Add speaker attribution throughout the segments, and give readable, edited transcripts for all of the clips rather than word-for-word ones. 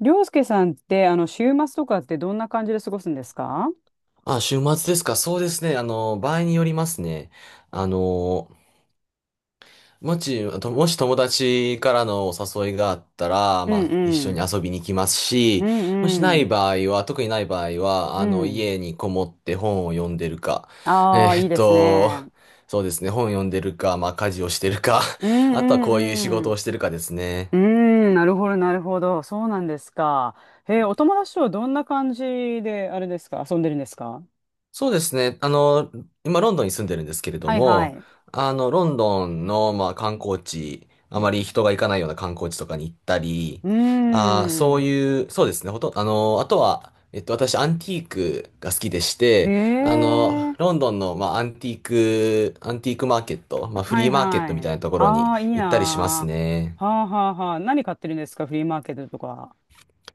Speaker 1: りょうすけさんって、週末とかってどんな感じで過ごすんですか？
Speaker 2: あ、週末ですか。そうですね。場合によりますね。あの、あともし友達からのお誘いがあったら、
Speaker 1: う
Speaker 2: ま
Speaker 1: ん
Speaker 2: あ、一
Speaker 1: う
Speaker 2: 緒に
Speaker 1: ん。
Speaker 2: 遊びに行きます
Speaker 1: う
Speaker 2: し、もし
Speaker 1: ん
Speaker 2: な
Speaker 1: う
Speaker 2: い
Speaker 1: ん。
Speaker 2: 場合は、特にない場合は、
Speaker 1: うん。
Speaker 2: 家にこもって本を読んでるか、え
Speaker 1: ああ、いい
Speaker 2: ーっ
Speaker 1: です
Speaker 2: と、
Speaker 1: ね。
Speaker 2: そうですね。本読んでるか、まあ、家事をしてるか、
Speaker 1: う
Speaker 2: あとはこういう仕事
Speaker 1: んうんう
Speaker 2: を
Speaker 1: ん。
Speaker 2: してるかですね。
Speaker 1: うーん、なるほど、なるほど。そうなんですか。へえ、お友達とはどんな感じで、あれですか、遊んでるんですか？
Speaker 2: そうですね。今、ロンドンに住んでるんですけれど
Speaker 1: はいは
Speaker 2: も、
Speaker 1: い。
Speaker 2: ロンドンの、まあ、観光地、あまり人が行かないような観光地とかに行ったり、
Speaker 1: うー
Speaker 2: あーそう
Speaker 1: ん。
Speaker 2: いう、そうですね。ほとん、あとは、私、アンティークが好きでし
Speaker 1: へ
Speaker 2: て、
Speaker 1: え、
Speaker 2: ロンドンの、まあ、アンティークマーケット、まあ、フ
Speaker 1: は
Speaker 2: リ
Speaker 1: い
Speaker 2: ーマーケットみ
Speaker 1: は
Speaker 2: たい
Speaker 1: い。
Speaker 2: なところ
Speaker 1: あ
Speaker 2: に
Speaker 1: あ、いい
Speaker 2: 行ったりします
Speaker 1: な
Speaker 2: ね。
Speaker 1: ー。はあはあはあ。何買ってるんですか、フリーマーケットとか。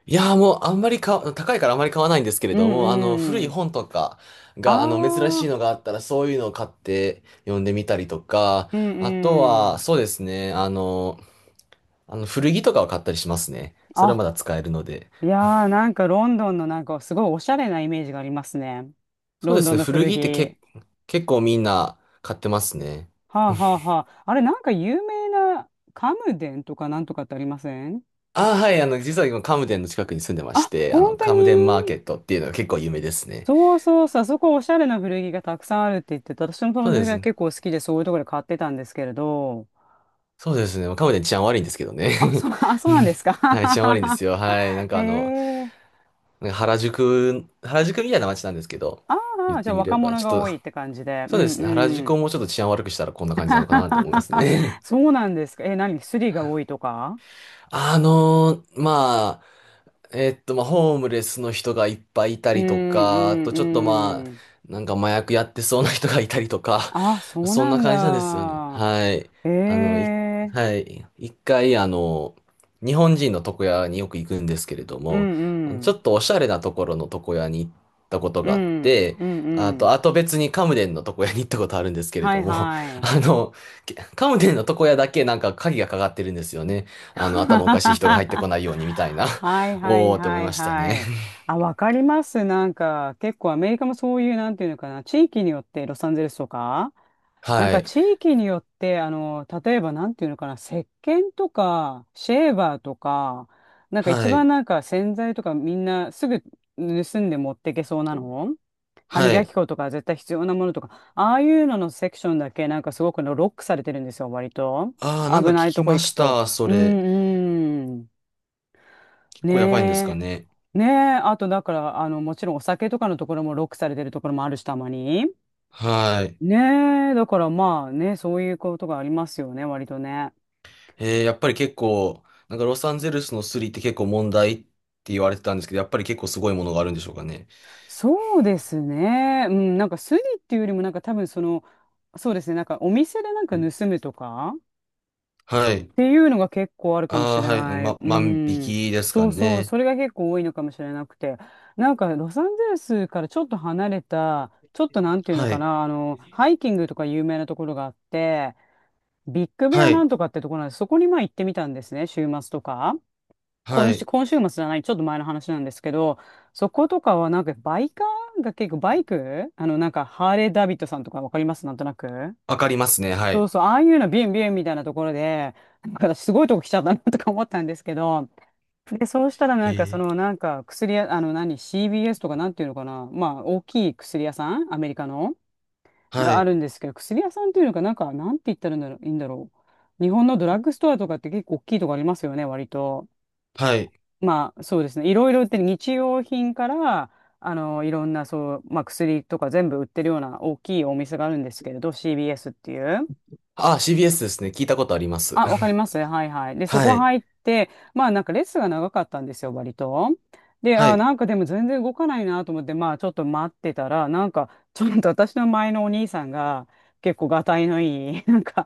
Speaker 2: いやーもうあんまり高いからあまり買わないんですけれ
Speaker 1: う
Speaker 2: ども、古
Speaker 1: んう
Speaker 2: い
Speaker 1: ん。
Speaker 2: 本とかが、珍
Speaker 1: あ
Speaker 2: しい
Speaker 1: あ、
Speaker 2: のがあったら、そういうのを買って読んでみたりとか、
Speaker 1: う
Speaker 2: あと
Speaker 1: んう
Speaker 2: は、
Speaker 1: ん。
Speaker 2: そうですね、古着とかを買ったりしますね。それは
Speaker 1: あ、
Speaker 2: まだ使えるので。
Speaker 1: いやー、なんかロンドンのなんかすごいおしゃれなイメージがありますね。
Speaker 2: そう
Speaker 1: ロ
Speaker 2: で
Speaker 1: ン
Speaker 2: す
Speaker 1: ドン
Speaker 2: ね、
Speaker 1: の
Speaker 2: 古
Speaker 1: 古
Speaker 2: 着って
Speaker 1: 着。
Speaker 2: 結構みんな買ってますね。
Speaker 1: はあはあはあ。あれ、なんか有名なカムデンとかなんとかってありません？
Speaker 2: ああ、はい、実は今、カムデンの近くに住んでまし
Speaker 1: あ、
Speaker 2: て、
Speaker 1: 本当
Speaker 2: カムデンマー
Speaker 1: に？
Speaker 2: ケットっていうのが結構有名ですね。
Speaker 1: そうそうそう、あそこおしゃれな古着がたくさんあるって言ってて、私の友
Speaker 2: そうで
Speaker 1: 達
Speaker 2: す
Speaker 1: が
Speaker 2: ね。
Speaker 1: 結構好きでそういうところで買ってたんですけれど。
Speaker 2: そうですね。まあカムデン治安悪いんですけどね。
Speaker 1: あ、そう、あ、そうなんですか。
Speaker 2: はい、治安悪いんですよ。はい。なん
Speaker 1: へ
Speaker 2: かあの、
Speaker 1: え。
Speaker 2: なんか原宿みたいな街なんですけど、
Speaker 1: あ
Speaker 2: 言っ
Speaker 1: あ、じゃ
Speaker 2: て
Speaker 1: あ
Speaker 2: みれ
Speaker 1: 若
Speaker 2: ば、
Speaker 1: 者
Speaker 2: ちょっ
Speaker 1: が
Speaker 2: と、
Speaker 1: 多いって感じで。う
Speaker 2: そうで
Speaker 1: ん
Speaker 2: すね、原
Speaker 1: う
Speaker 2: 宿
Speaker 1: ん。
Speaker 2: をもうちょっと治安悪くしたらこんな感じなのかなって思います ね。
Speaker 1: そうなんですか。え、何スリが多いとか？
Speaker 2: あのーままあ、ホームレスの人がいっぱいいた
Speaker 1: うん
Speaker 2: り
Speaker 1: う
Speaker 2: とか、あとちょっとま
Speaker 1: ん
Speaker 2: あ、
Speaker 1: うん。
Speaker 2: なんか麻薬やってそうな人がいたりとか、
Speaker 1: あ、そう
Speaker 2: そん
Speaker 1: な
Speaker 2: な
Speaker 1: ん
Speaker 2: 感じなんですよね。
Speaker 1: だ。
Speaker 2: はい。
Speaker 1: え
Speaker 2: あの、い、
Speaker 1: え、
Speaker 2: はい。一回、日本人の床屋によく行くんですけれど
Speaker 1: う
Speaker 2: も、
Speaker 1: んう
Speaker 2: ちょ
Speaker 1: ん。
Speaker 2: っとおしゃれなところの床屋に行ったこと
Speaker 1: う
Speaker 2: があっ
Speaker 1: ん
Speaker 2: て、
Speaker 1: うん
Speaker 2: あ
Speaker 1: うん。
Speaker 2: と、あと別にカムデンの床屋に行ったことあるんですけれ
Speaker 1: は
Speaker 2: ど
Speaker 1: い
Speaker 2: も、
Speaker 1: は い。
Speaker 2: あの、カムデンの床屋だけなんか鍵がかかってるんですよね。頭おかしい人が入って
Speaker 1: は
Speaker 2: こないようにみ
Speaker 1: い
Speaker 2: たいな。
Speaker 1: はい
Speaker 2: おーって思い
Speaker 1: は
Speaker 2: ま
Speaker 1: い
Speaker 2: したね。
Speaker 1: はい。あ、わかります。なんか、結構アメリカもそういう、なんていうのかな、地域によって、ロサンゼルスとか、なん
Speaker 2: は
Speaker 1: か
Speaker 2: い。
Speaker 1: 地域によって、例えばなんていうのかな、石鹸とか、シェーバーとか、なんか
Speaker 2: は
Speaker 1: 一番
Speaker 2: い。
Speaker 1: なんか洗剤とかみんなすぐ盗んで持ってけそうなの、歯
Speaker 2: は
Speaker 1: 磨き
Speaker 2: い。
Speaker 1: 粉とか絶対必要なものとか、ああいうののセクションだけなんかすごくのロックされてるんですよ、割と。
Speaker 2: ああ、なんか
Speaker 1: 危
Speaker 2: 聞
Speaker 1: ない
Speaker 2: き
Speaker 1: とこ
Speaker 2: ま
Speaker 1: 行く
Speaker 2: し
Speaker 1: と。
Speaker 2: た。そ
Speaker 1: う
Speaker 2: れ。
Speaker 1: んうん。
Speaker 2: 結構やばいんですか
Speaker 1: ね
Speaker 2: ね。
Speaker 1: え。ねえ。あと、だから、もちろんお酒とかのところもロックされてるところもあるし、たまに。
Speaker 2: はい。
Speaker 1: ねえ。だから、まあね、そういうことがありますよね、割とね。
Speaker 2: やっぱり結構、なんかロサンゼルスのスリって結構問題って言われてたんですけど、やっぱり結構すごいものがあるんでしょうかね。
Speaker 1: そうですね。うん、なんかスリっていうよりも、なんか多分その、そうですね、なんかお店でなんか盗むとか
Speaker 2: は
Speaker 1: っ
Speaker 2: い。
Speaker 1: ていうのが結構あるかも
Speaker 2: あ
Speaker 1: し
Speaker 2: あ、
Speaker 1: れ
Speaker 2: はい。
Speaker 1: ない。う
Speaker 2: 万引
Speaker 1: ん。
Speaker 2: きですか
Speaker 1: そうそう。
Speaker 2: ね。
Speaker 1: それが結構多いのかもしれなくて。なんか、ロサンゼルスからちょっと離れた、ちょっとなんていうの
Speaker 2: は
Speaker 1: か
Speaker 2: い。
Speaker 1: な、ハイキングとか有名なところがあって、ビッグベ
Speaker 2: は
Speaker 1: アな
Speaker 2: い。
Speaker 1: んとかってところなんです。そこにまあ行ってみたんですね、週末とか。今
Speaker 2: は
Speaker 1: 週、
Speaker 2: い。
Speaker 1: 今週末じゃない、ちょっと前の話なんですけど、そことかはなんかバイカーが結構バイクなんかハーレー・ダビッドさんとかわかりますなんとなく。
Speaker 2: わかりますね。は
Speaker 1: そう
Speaker 2: い。
Speaker 1: そう、ああいうのビュンビュンみたいなところで、なんか私すごいとこ来ちゃったなとか思ったんですけど、で、そうしたらなんか
Speaker 2: へ
Speaker 1: そ
Speaker 2: え。
Speaker 1: のなんか薬屋、あの何、c b s とかなんていうのかな、まあ大きい薬屋さん、アメリカの、
Speaker 2: は
Speaker 1: があ
Speaker 2: い。
Speaker 1: るんですけど、薬屋さんっていうのかなんか、なんて言ったらいいんだろう、いいんだろう。日本のドラッグストアとかって結構大きいとこありますよね、割と。
Speaker 2: はい。
Speaker 1: まあそうですね、いろいろ売ってる日用品から、いろんなそう、まあ薬とか全部売ってるような大きいお店があるんですけれど、c b s っていう。
Speaker 2: ああ、CBS ですね。聞いたことあります。
Speaker 1: あ、わかり ます。はいはい。で、そ
Speaker 2: は
Speaker 1: こ
Speaker 2: い。
Speaker 1: 入って、まあなんかレッスンが長かったんですよ、割と。で、
Speaker 2: は
Speaker 1: あ、な
Speaker 2: い。
Speaker 1: んかでも全然動かないなと思って、まあちょっと待ってたら、なんかちょっと私の前のお兄さんが結構がたいのいい、なんか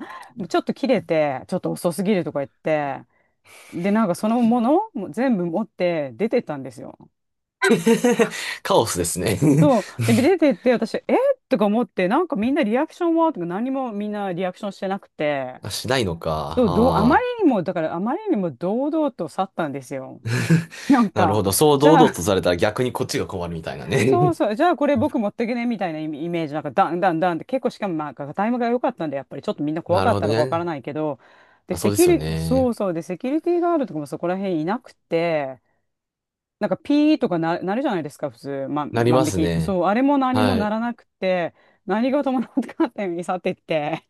Speaker 1: ちょっと切れて、ちょっと遅すぎるとか言って、で、なんかそのものも全部持って出てったんですよ。
Speaker 2: カオスですね。
Speaker 1: で、出てって私、えとか思って、なんかみんなリアクションはとか何もみんなリアクションしてなくて、
Speaker 2: あ、しないのか。
Speaker 1: そう、どう、あまり
Speaker 2: ああ、
Speaker 1: にも、だからあまりにも堂々と去ったんですよ。なん
Speaker 2: なるほ
Speaker 1: か、
Speaker 2: ど。そう
Speaker 1: じ
Speaker 2: 堂
Speaker 1: ゃ
Speaker 2: 々
Speaker 1: あ、
Speaker 2: とされたら逆にこっちが困るみたいな
Speaker 1: そ
Speaker 2: ね。
Speaker 1: うそう、じゃあこれ僕持ってけねみたいなイメージ、なんかダンダンダンって結構しかもまあタイムが良かったんで、やっぱりちょっとみんな 怖
Speaker 2: な
Speaker 1: か
Speaker 2: る
Speaker 1: っ
Speaker 2: ほ
Speaker 1: た
Speaker 2: ど
Speaker 1: のかわから
Speaker 2: ね。
Speaker 1: ないけど、で、
Speaker 2: まあ、そ
Speaker 1: セ
Speaker 2: うで
Speaker 1: キ
Speaker 2: すよ
Speaker 1: ュリ、そ
Speaker 2: ね。
Speaker 1: うそう、で、セキュリティガードとかもそこら辺いなくて、なんかピーとかな、なるじゃないですか、普通、
Speaker 2: なり
Speaker 1: 万
Speaker 2: ま
Speaker 1: 引
Speaker 2: す
Speaker 1: き。
Speaker 2: ね。
Speaker 1: そう、あれも何も
Speaker 2: は
Speaker 1: な
Speaker 2: い。
Speaker 1: らなくて、何事もなかったように去っていって。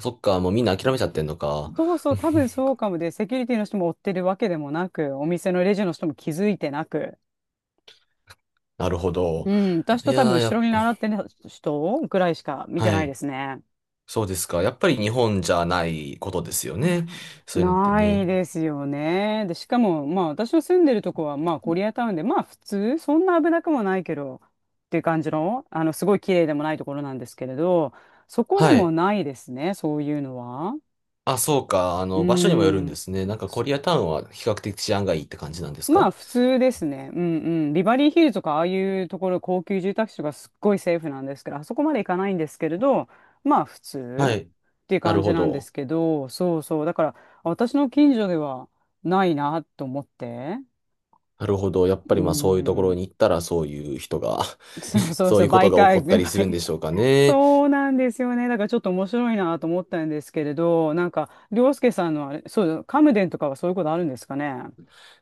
Speaker 2: そっか、もうみんな諦めちゃってんのか。
Speaker 1: そうそう、多分そ うかもで、セキュリティの人も追ってるわけでもなく、お店のレジの人も気づいてなく。
Speaker 2: なるほ
Speaker 1: う
Speaker 2: ど。
Speaker 1: ん、私
Speaker 2: い
Speaker 1: と多分
Speaker 2: やー、
Speaker 1: 後ろに習ってる人ぐらいしか見て
Speaker 2: は
Speaker 1: ないで
Speaker 2: い。
Speaker 1: すね。
Speaker 2: そうですか。やっぱり日本じゃないことですよね。そういうのって
Speaker 1: な
Speaker 2: ね。
Speaker 1: いですよね。で、しかも、まあ私の住んでるとこは、まあコリアタウンで、まあ普通、そんな危なくもないけど、っていう感じの、すごい綺麗でもないところなんですけれど、そこで
Speaker 2: は
Speaker 1: も
Speaker 2: い。
Speaker 1: ないですね、そういうのは。
Speaker 2: あ、そうか。
Speaker 1: う
Speaker 2: 場所にもよるんで
Speaker 1: ん。
Speaker 2: すね。なんかコリアタウンは比較的治安がいいって感じなんです
Speaker 1: まあ
Speaker 2: か？
Speaker 1: 普通ですね。うんうん。ビバリーヒルズとかああいうところ高級住宅地とかすっごいセーフなんですけど、あそこまで行かないんですけれど、まあ普通
Speaker 2: はい。
Speaker 1: っていう
Speaker 2: なる
Speaker 1: 感じ
Speaker 2: ほ
Speaker 1: なんで
Speaker 2: ど。
Speaker 1: すけど、そうそう。だから私の近所ではないなと思って。
Speaker 2: なるほど。やっ
Speaker 1: う
Speaker 2: ぱりまあそういうところ
Speaker 1: ん。
Speaker 2: に行ったらそういう人が
Speaker 1: そう そう
Speaker 2: そう
Speaker 1: そ
Speaker 2: い
Speaker 1: う。
Speaker 2: うこと
Speaker 1: 媒
Speaker 2: が起
Speaker 1: 介、
Speaker 2: こ ったりするんでしょうかね。
Speaker 1: そうなんですよね。だからちょっと面白いなと思ったんですけれど、なんか、涼介さんのあれ、そう、カムデンとかはそういうことあるんですかね。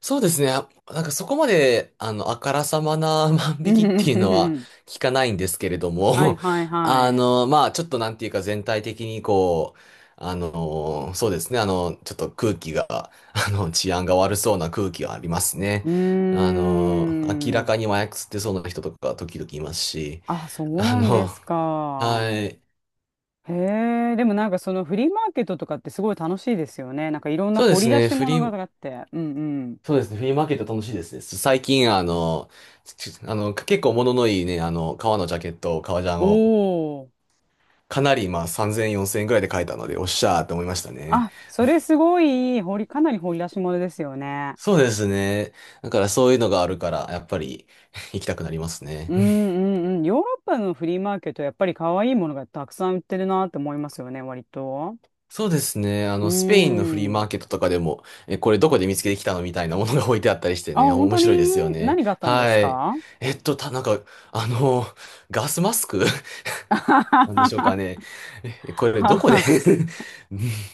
Speaker 2: そうですね。あ、なんかそこまで、あからさまな 万
Speaker 1: う
Speaker 2: 引き
Speaker 1: んう
Speaker 2: ってい
Speaker 1: ん
Speaker 2: う
Speaker 1: うん
Speaker 2: の
Speaker 1: う
Speaker 2: は
Speaker 1: ん。
Speaker 2: 聞かないんですけれど
Speaker 1: はい
Speaker 2: も、
Speaker 1: はい はい。
Speaker 2: まあちょっとなんていうか全体的にこう、そうですね。ちょっと空気が、治安が悪そうな空気がありますね。
Speaker 1: う
Speaker 2: あ
Speaker 1: ー
Speaker 2: の、明らか
Speaker 1: ん。
Speaker 2: に麻薬吸ってそうな人とか時々いますし、
Speaker 1: あ、そう
Speaker 2: あ
Speaker 1: なんで
Speaker 2: の、
Speaker 1: す
Speaker 2: は
Speaker 1: か。
Speaker 2: い。
Speaker 1: へえ、でもなんかそのフリーマーケットとかってすごい楽しいですよね。なんかいろんな
Speaker 2: そうで
Speaker 1: 掘り
Speaker 2: す
Speaker 1: 出
Speaker 2: ね。
Speaker 1: し
Speaker 2: フ
Speaker 1: 物
Speaker 2: リー、
Speaker 1: があって。うんうん。
Speaker 2: そうですね。フリーマーケット楽しいですね。最近、あの、ちあの、結構物のいいね、革のジャケット、革ジャン
Speaker 1: お
Speaker 2: を、
Speaker 1: お。
Speaker 2: かなり、まあ、3000、4000円ぐらいで買えたので、おっしゃーって思いましたね。
Speaker 1: あ、それすごいかなり掘り出し物ですよね。
Speaker 2: そうですね。だからそういうのがあるから、やっぱり 行きたくなりますね。
Speaker 1: うん うんうん。ヨーロッパのフリーマーケット、やっぱり可愛いものがたくさん売ってるなって思いますよね、割と。
Speaker 2: そうですね。
Speaker 1: うー
Speaker 2: スペインのフリーマ
Speaker 1: ん。
Speaker 2: ーケットとかでも、え、これどこで見つけてきたのみたいなものが置いてあったりして
Speaker 1: あ、
Speaker 2: ね、
Speaker 1: 本
Speaker 2: 面
Speaker 1: 当
Speaker 2: 白いで
Speaker 1: に
Speaker 2: すよね。
Speaker 1: 何があったんです
Speaker 2: はい。
Speaker 1: か？
Speaker 2: なんか、あの、ガスマスク なんでしょう
Speaker 1: は
Speaker 2: かね。え、これ
Speaker 1: は
Speaker 2: どこで？
Speaker 1: は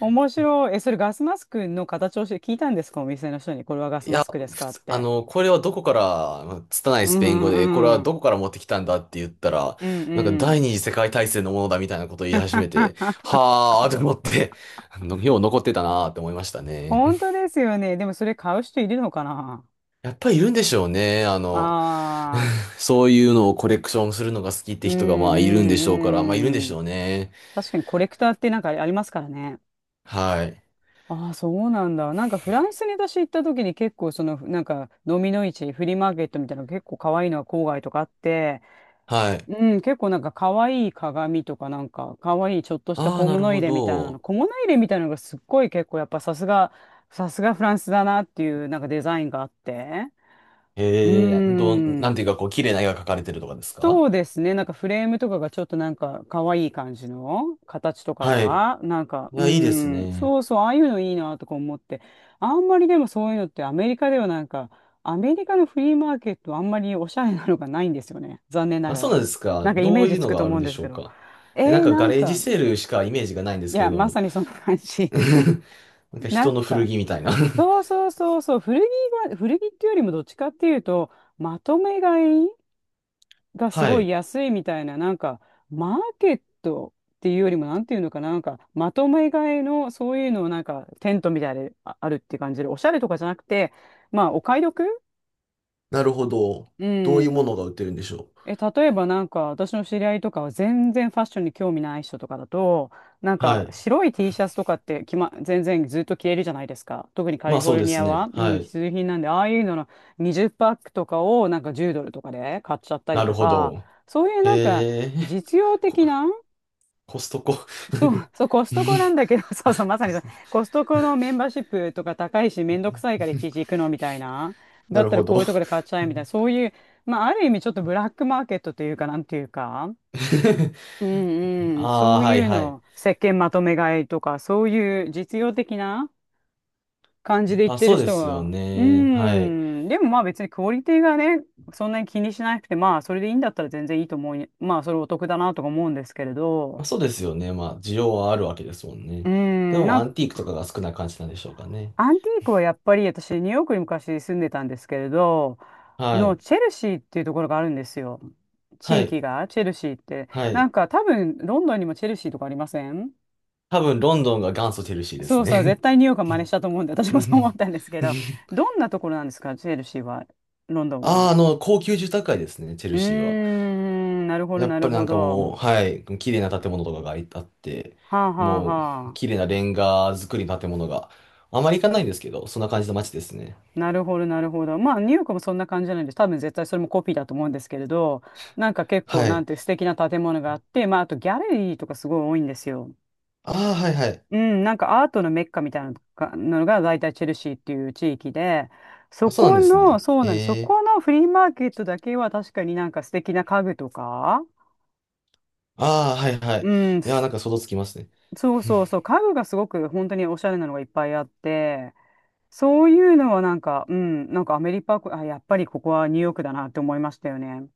Speaker 1: 面白い。え、それガスマスクの形をして聞いたんですかお店の人に。これはガス
Speaker 2: い
Speaker 1: マ
Speaker 2: や、
Speaker 1: スクです
Speaker 2: 普
Speaker 1: かっ
Speaker 2: 通、
Speaker 1: て。
Speaker 2: これはどこから、まあ拙い
Speaker 1: う
Speaker 2: ス
Speaker 1: ん
Speaker 2: ペイン語
Speaker 1: う
Speaker 2: で、これは
Speaker 1: んうん。
Speaker 2: どこから持ってきたんだって言ったら、
Speaker 1: うん
Speaker 2: なんか
Speaker 1: う
Speaker 2: 第
Speaker 1: ん。
Speaker 2: 二次世界大戦のものだみたいなことを言い始めて、はーと思って、よう残ってたなーって思いましたね。
Speaker 1: 本当 ですよね。でもそれ買う人いるのかな？
Speaker 2: やっぱりいるんでしょうね。
Speaker 1: ああ、
Speaker 2: そういうのをコレクションするのが好きって
Speaker 1: うん
Speaker 2: 人がま
Speaker 1: う
Speaker 2: あいるんでしょうから、まあいるんで
Speaker 1: んう
Speaker 2: し
Speaker 1: ん。
Speaker 2: ょうね。
Speaker 1: 確かにコレクターってなんかありますからね。
Speaker 2: はい。
Speaker 1: ああ、そうなんだ。なんかフランスに私行った時に結構その、なんか、ノミの市、フリーマーケットみたいなの結構可愛いのが郊外とかあって、
Speaker 2: はい。
Speaker 1: うん、結構なんか可愛い鏡とかなんか可愛いちょっとした
Speaker 2: ああ、
Speaker 1: 小
Speaker 2: なる
Speaker 1: 物
Speaker 2: ほ
Speaker 1: 入れみたいなの、
Speaker 2: ど。
Speaker 1: 小物入れみたいなのがすっごい結構やっぱさすが、さすがフランスだなっていうなんかデザインがあって。う
Speaker 2: ええ、なん
Speaker 1: ん。
Speaker 2: ていうかこう、綺麗な絵が描かれてるとかです
Speaker 1: そ
Speaker 2: か？
Speaker 1: うですね。なんかフレームとかがちょっとなんか可愛い感じの形とか
Speaker 2: はい。
Speaker 1: が、なんか、
Speaker 2: い
Speaker 1: う
Speaker 2: や、いいです
Speaker 1: ん、
Speaker 2: ね。
Speaker 1: そうそう、ああいうのいいなとか思って、あんまりでもそういうのってアメリカではなんか、アメリカのフリーマーケットあんまりおしゃれなのがないんですよね。残念な
Speaker 2: あ、
Speaker 1: が
Speaker 2: そうなん
Speaker 1: ら。
Speaker 2: ですか。
Speaker 1: なんかイ
Speaker 2: ど
Speaker 1: メー
Speaker 2: う
Speaker 1: ジ
Speaker 2: いう
Speaker 1: つ
Speaker 2: の
Speaker 1: くと
Speaker 2: があ
Speaker 1: 思
Speaker 2: る
Speaker 1: う
Speaker 2: ん
Speaker 1: ん
Speaker 2: で
Speaker 1: です
Speaker 2: しょ
Speaker 1: け
Speaker 2: う
Speaker 1: ど。
Speaker 2: か。
Speaker 1: え
Speaker 2: え、なん
Speaker 1: ー、
Speaker 2: か
Speaker 1: な
Speaker 2: ガ
Speaker 1: ん
Speaker 2: レージ
Speaker 1: か、
Speaker 2: セールしかイメージがないんで
Speaker 1: い
Speaker 2: すけ
Speaker 1: や、
Speaker 2: れど
Speaker 1: まさ
Speaker 2: も。
Speaker 1: にそんな感 じ。
Speaker 2: なんか
Speaker 1: なん
Speaker 2: 人の古
Speaker 1: か、
Speaker 2: 着みたいな
Speaker 1: そう そうそうそう、古着が、古着っていうよりもどっちかっていうと、まとめ買いがす
Speaker 2: は
Speaker 1: ごい
Speaker 2: い。
Speaker 1: 安いみたいな、なんか、マーケットっていうよりも、なんていうのかな、なんか、まとめ買いの、そういうのをなんか、テントみたいでああるっていう感じで、おしゃれとかじゃなくて、まあ、お買い得。
Speaker 2: なるほど。
Speaker 1: う
Speaker 2: どういうものが
Speaker 1: ん。
Speaker 2: 売ってるんでしょ
Speaker 1: え、例えばなんか私の知り合いとかは全然ファッションに興味ない人とかだと、なん
Speaker 2: う？
Speaker 1: か
Speaker 2: はい。
Speaker 1: 白い T シャツとかってきま、全然ずっと着れるじゃないですか。特にカ
Speaker 2: ま
Speaker 1: リ
Speaker 2: あ
Speaker 1: フォ
Speaker 2: そう
Speaker 1: ル
Speaker 2: で
Speaker 1: ニ
Speaker 2: す
Speaker 1: ア
Speaker 2: ね。
Speaker 1: は、う
Speaker 2: は
Speaker 1: ん、
Speaker 2: い。
Speaker 1: 必需品なんで、ああいうのの20パックとかをなんか10ドルとかで買っちゃったり
Speaker 2: なる
Speaker 1: と
Speaker 2: ほ
Speaker 1: か、
Speaker 2: ど。
Speaker 1: そういう
Speaker 2: へ
Speaker 1: なんか
Speaker 2: え、
Speaker 1: 実用
Speaker 2: コ、
Speaker 1: 的な。
Speaker 2: コストコ
Speaker 1: そう、そう、コストコなんだけど、そうそう、まさ
Speaker 2: コ
Speaker 1: にそう、
Speaker 2: ス
Speaker 1: コストコのメンバーシップとか高いし、めんどくさいからいちいち行くのみたいな。だ
Speaker 2: な
Speaker 1: っ
Speaker 2: る
Speaker 1: たら
Speaker 2: ほ
Speaker 1: こ
Speaker 2: ど。
Speaker 1: うい うとこで買っちゃえみたいな、そういう、まあ、ある意味ちょっとブラックマーケットというか、なんていうか、うんうん、
Speaker 2: あ
Speaker 1: そ
Speaker 2: あ、
Speaker 1: う
Speaker 2: はい
Speaker 1: いう
Speaker 2: はい。
Speaker 1: の、石鹸まとめ買いとか、そういう実用的な感じで言っ
Speaker 2: あ、
Speaker 1: てる
Speaker 2: そうで
Speaker 1: 人
Speaker 2: すよ
Speaker 1: が、う
Speaker 2: ね。はい。
Speaker 1: ん、でもまあ別にクオリティがね、そんなに気にしなくて、まあそれでいいんだったら全然いいと思う、まあそれお得だなとか思うんですけれ
Speaker 2: ま
Speaker 1: ど、
Speaker 2: あ、そうですよね。まあ、需要はあるわけですもん
Speaker 1: う
Speaker 2: ね。で
Speaker 1: ん、な
Speaker 2: も、
Speaker 1: ん
Speaker 2: ア
Speaker 1: か。
Speaker 2: ンティークとかが少ない感じなんでしょうかね。
Speaker 1: アンティークはやっぱり私ニューヨークに昔住んでたんですけれど
Speaker 2: は
Speaker 1: の
Speaker 2: い。
Speaker 1: チェルシーっていうところがあるんですよ。
Speaker 2: は
Speaker 1: 地
Speaker 2: い。
Speaker 1: 域がチェルシーって、
Speaker 2: は
Speaker 1: な
Speaker 2: い。
Speaker 1: んか多分ロンドンにもチェルシーとかありません？
Speaker 2: 多分、ロンドンが元祖チェルシーです
Speaker 1: そうそう、絶
Speaker 2: ね。
Speaker 1: 対ニューヨークは真似したと思うんで。私もそう思ったん ですけど、どんなところなんですかチェルシーは？ロンドン
Speaker 2: ああ、
Speaker 1: は？
Speaker 2: 高級住宅街ですね、チェ
Speaker 1: う
Speaker 2: ル
Speaker 1: ー
Speaker 2: シーは。
Speaker 1: ん、なるほど
Speaker 2: や
Speaker 1: な
Speaker 2: っぱ
Speaker 1: る
Speaker 2: りな
Speaker 1: ほ
Speaker 2: んか
Speaker 1: ど。
Speaker 2: もう、はい、綺麗な建物とかがあって、
Speaker 1: はあはあ。
Speaker 2: もう、
Speaker 1: は。
Speaker 2: 綺麗なレンガ造りの建物が、あまり行かないんですけど、そんな感じの街ですね。
Speaker 1: なるほど、なるほど。まあ、ニューヨークもそんな感じじゃないんです。多分絶対それもコピーだと思うんですけれど、なんか結構、
Speaker 2: は
Speaker 1: な
Speaker 2: い。
Speaker 1: んて素敵な建物があって、まあ、あとギャラリーとかすごい多いんですよ。
Speaker 2: ああ、はいはい。
Speaker 1: うん、なんかアートのメッカみたいなのが、のが大体チェルシーっていう地域で、そ
Speaker 2: あ、そうなん
Speaker 1: こ
Speaker 2: です
Speaker 1: の、
Speaker 2: ね。
Speaker 1: そうなんです。そ
Speaker 2: へえ。
Speaker 1: このフリーマーケットだけは確かになんか素敵な家具とか、
Speaker 2: ああ、はいは
Speaker 1: う
Speaker 2: い。
Speaker 1: ん、
Speaker 2: いやー、
Speaker 1: す、
Speaker 2: なんか想像つきますね。
Speaker 1: そうそうそう、家具がすごく本当におしゃれなのがいっぱいあって、そういうのはなんか、うん、なんかアメリカ、あ、やっぱりここはニューヨークだなって思いましたよね。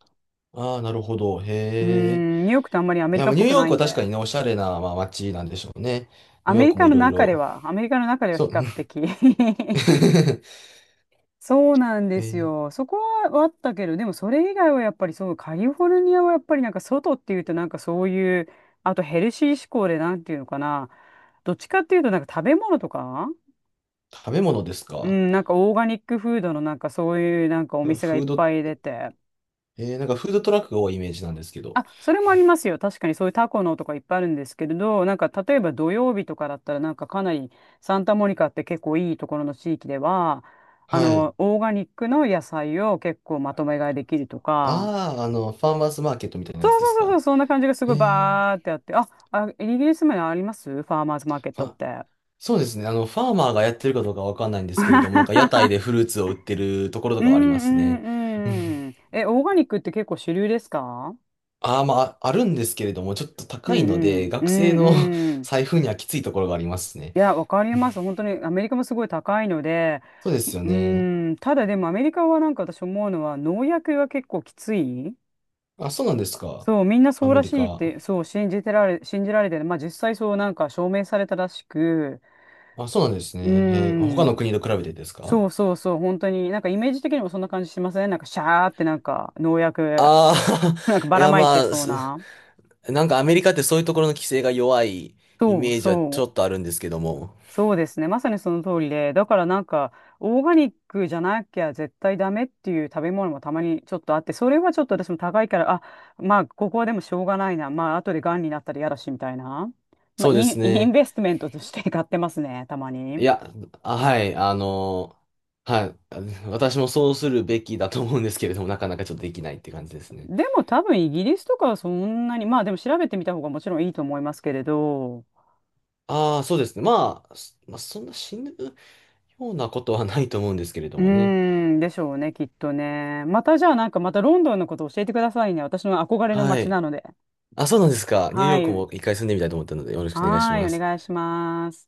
Speaker 2: ああ、なるほど。
Speaker 1: う
Speaker 2: へえ。
Speaker 1: ん、ニューヨークってあんまりア
Speaker 2: い
Speaker 1: メリ
Speaker 2: や、
Speaker 1: カ
Speaker 2: ま
Speaker 1: っ
Speaker 2: あニュ
Speaker 1: ぽ
Speaker 2: ー
Speaker 1: く
Speaker 2: ヨー
Speaker 1: ない
Speaker 2: ク
Speaker 1: ん
Speaker 2: は確
Speaker 1: で、
Speaker 2: かにね、おしゃれな、まあ、街なんでしょうね。ニ
Speaker 1: ア
Speaker 2: ューヨ
Speaker 1: メ
Speaker 2: ー
Speaker 1: リ
Speaker 2: クも
Speaker 1: カ
Speaker 2: い
Speaker 1: の
Speaker 2: ろい
Speaker 1: 中で
Speaker 2: ろ。
Speaker 1: は、アメリカの中では
Speaker 2: そ
Speaker 1: 比
Speaker 2: う。
Speaker 1: 較的。 そうなんで
Speaker 2: え
Speaker 1: す
Speaker 2: ー
Speaker 1: よ。そこはあったけど、でもそれ以外はやっぱりそう、カリフォルニアはやっぱりなんか外っていうとなんかそういう、あとヘルシー志向でなんていうのかな、どっちかっていうとなんか食べ物とか、
Speaker 2: 食べ物です
Speaker 1: う
Speaker 2: か。
Speaker 1: ん、なんかオーガニックフードのなんかそういうなんかお
Speaker 2: なんか
Speaker 1: 店がいっ
Speaker 2: フード、
Speaker 1: ぱい出て。
Speaker 2: えーなんかフードトラックが多いイメージなんですけど。
Speaker 1: あ、それもありますよ。確かにそういうタコのとかいっぱいあるんですけれど、なんか例えば土曜日とかだったら、なんかかなり、サンタモニカって結構いいところの地域では、あ
Speaker 2: はい。
Speaker 1: の、オーガニックの野菜を結構まとめ買いできるとか、
Speaker 2: ああ、ファーマーズマーケットみたいな
Speaker 1: そ
Speaker 2: やつ
Speaker 1: う
Speaker 2: で
Speaker 1: そ
Speaker 2: す
Speaker 1: うそうそ
Speaker 2: か。
Speaker 1: う、そんな感じがすご
Speaker 2: へ
Speaker 1: い
Speaker 2: え。
Speaker 1: バーってあって、あ、あ、イギリスもありますファーマーズマーケットっ
Speaker 2: あ、
Speaker 1: て。
Speaker 2: そうですね。ファーマーがやってるかどうかわかんないんですけれども、なんか屋台でフ ルーツを売ってるところと
Speaker 1: う
Speaker 2: かはあります
Speaker 1: ん
Speaker 2: ね。
Speaker 1: うんうん。え、オーガニックって結構主流ですか？
Speaker 2: ああ、まあ、あるんですけれども、ちょっと
Speaker 1: う
Speaker 2: 高
Speaker 1: ん
Speaker 2: いの
Speaker 1: う
Speaker 2: で、
Speaker 1: ん。う
Speaker 2: 学生の
Speaker 1: んう ん。
Speaker 2: 財布にはきついところがありますね。
Speaker 1: いや、わかります。本当にアメリカもすごい高いので、
Speaker 2: そうですよ
Speaker 1: う
Speaker 2: ね。
Speaker 1: ーん、ただでもアメリカはなんか私思うのは農薬が結構きつい。
Speaker 2: あ、そうなんですか。
Speaker 1: そう、みんなそ
Speaker 2: ア
Speaker 1: う
Speaker 2: メ
Speaker 1: ら
Speaker 2: リ
Speaker 1: しいっ
Speaker 2: カ。
Speaker 1: て、そう、信じられてる。まあ実際そうなんか証明されたらしく、
Speaker 2: あ、そうなんです
Speaker 1: うー
Speaker 2: ね。へー他の
Speaker 1: ん、
Speaker 2: 国と比べてですか？
Speaker 1: そうそうそう、本当になんかイメージ的にもそんな感じしません？なんかシャーってなんか農薬、
Speaker 2: ああ
Speaker 1: なんか
Speaker 2: ー、
Speaker 1: ば
Speaker 2: い
Speaker 1: ら
Speaker 2: や
Speaker 1: まい
Speaker 2: ま
Speaker 1: て
Speaker 2: あ、
Speaker 1: そうな。
Speaker 2: なんかアメリカってそういうところの規制が弱いイ
Speaker 1: そう
Speaker 2: メージはちょ
Speaker 1: そ
Speaker 2: っ
Speaker 1: う。
Speaker 2: とあるんですけども。
Speaker 1: そうですね。まさにその通りで、だからなんか、オーガニックじゃなきゃ絶対ダメっていう食べ物もたまにちょっとあって、それはちょっと私も高いから、あ、まあ、ここはでもしょうがないな。まあ、後で癌になったら嫌だし、みたいな。まあ、
Speaker 2: そうです
Speaker 1: イン
Speaker 2: ね。
Speaker 1: ベストメントとして買ってますね、たま
Speaker 2: い
Speaker 1: に。
Speaker 2: や、あ、はい、はい、あ、私もそうするべきだと思うんですけれども、なかなかちょっとできないって感じですね。
Speaker 1: でも多分イギリスとかはそんなに、まあでも調べてみた方がもちろんいいと思いますけれど、
Speaker 2: ああ、そうですね。まあ、そんな死ぬようなことはないと思うんですけれど
Speaker 1: う
Speaker 2: もね。
Speaker 1: ーん、でしょうね、きっとね。またじゃあなんかまたロンドンのこと教えてくださいね。私の憧れの
Speaker 2: は
Speaker 1: 街
Speaker 2: い。
Speaker 1: なので。
Speaker 2: あ、そうなんですか。ニューヨ
Speaker 1: は
Speaker 2: ーク
Speaker 1: い。
Speaker 2: も一回住んでみたいと思ったので、よろしくお願いし
Speaker 1: はーい、
Speaker 2: ま
Speaker 1: お
Speaker 2: す。
Speaker 1: 願いします。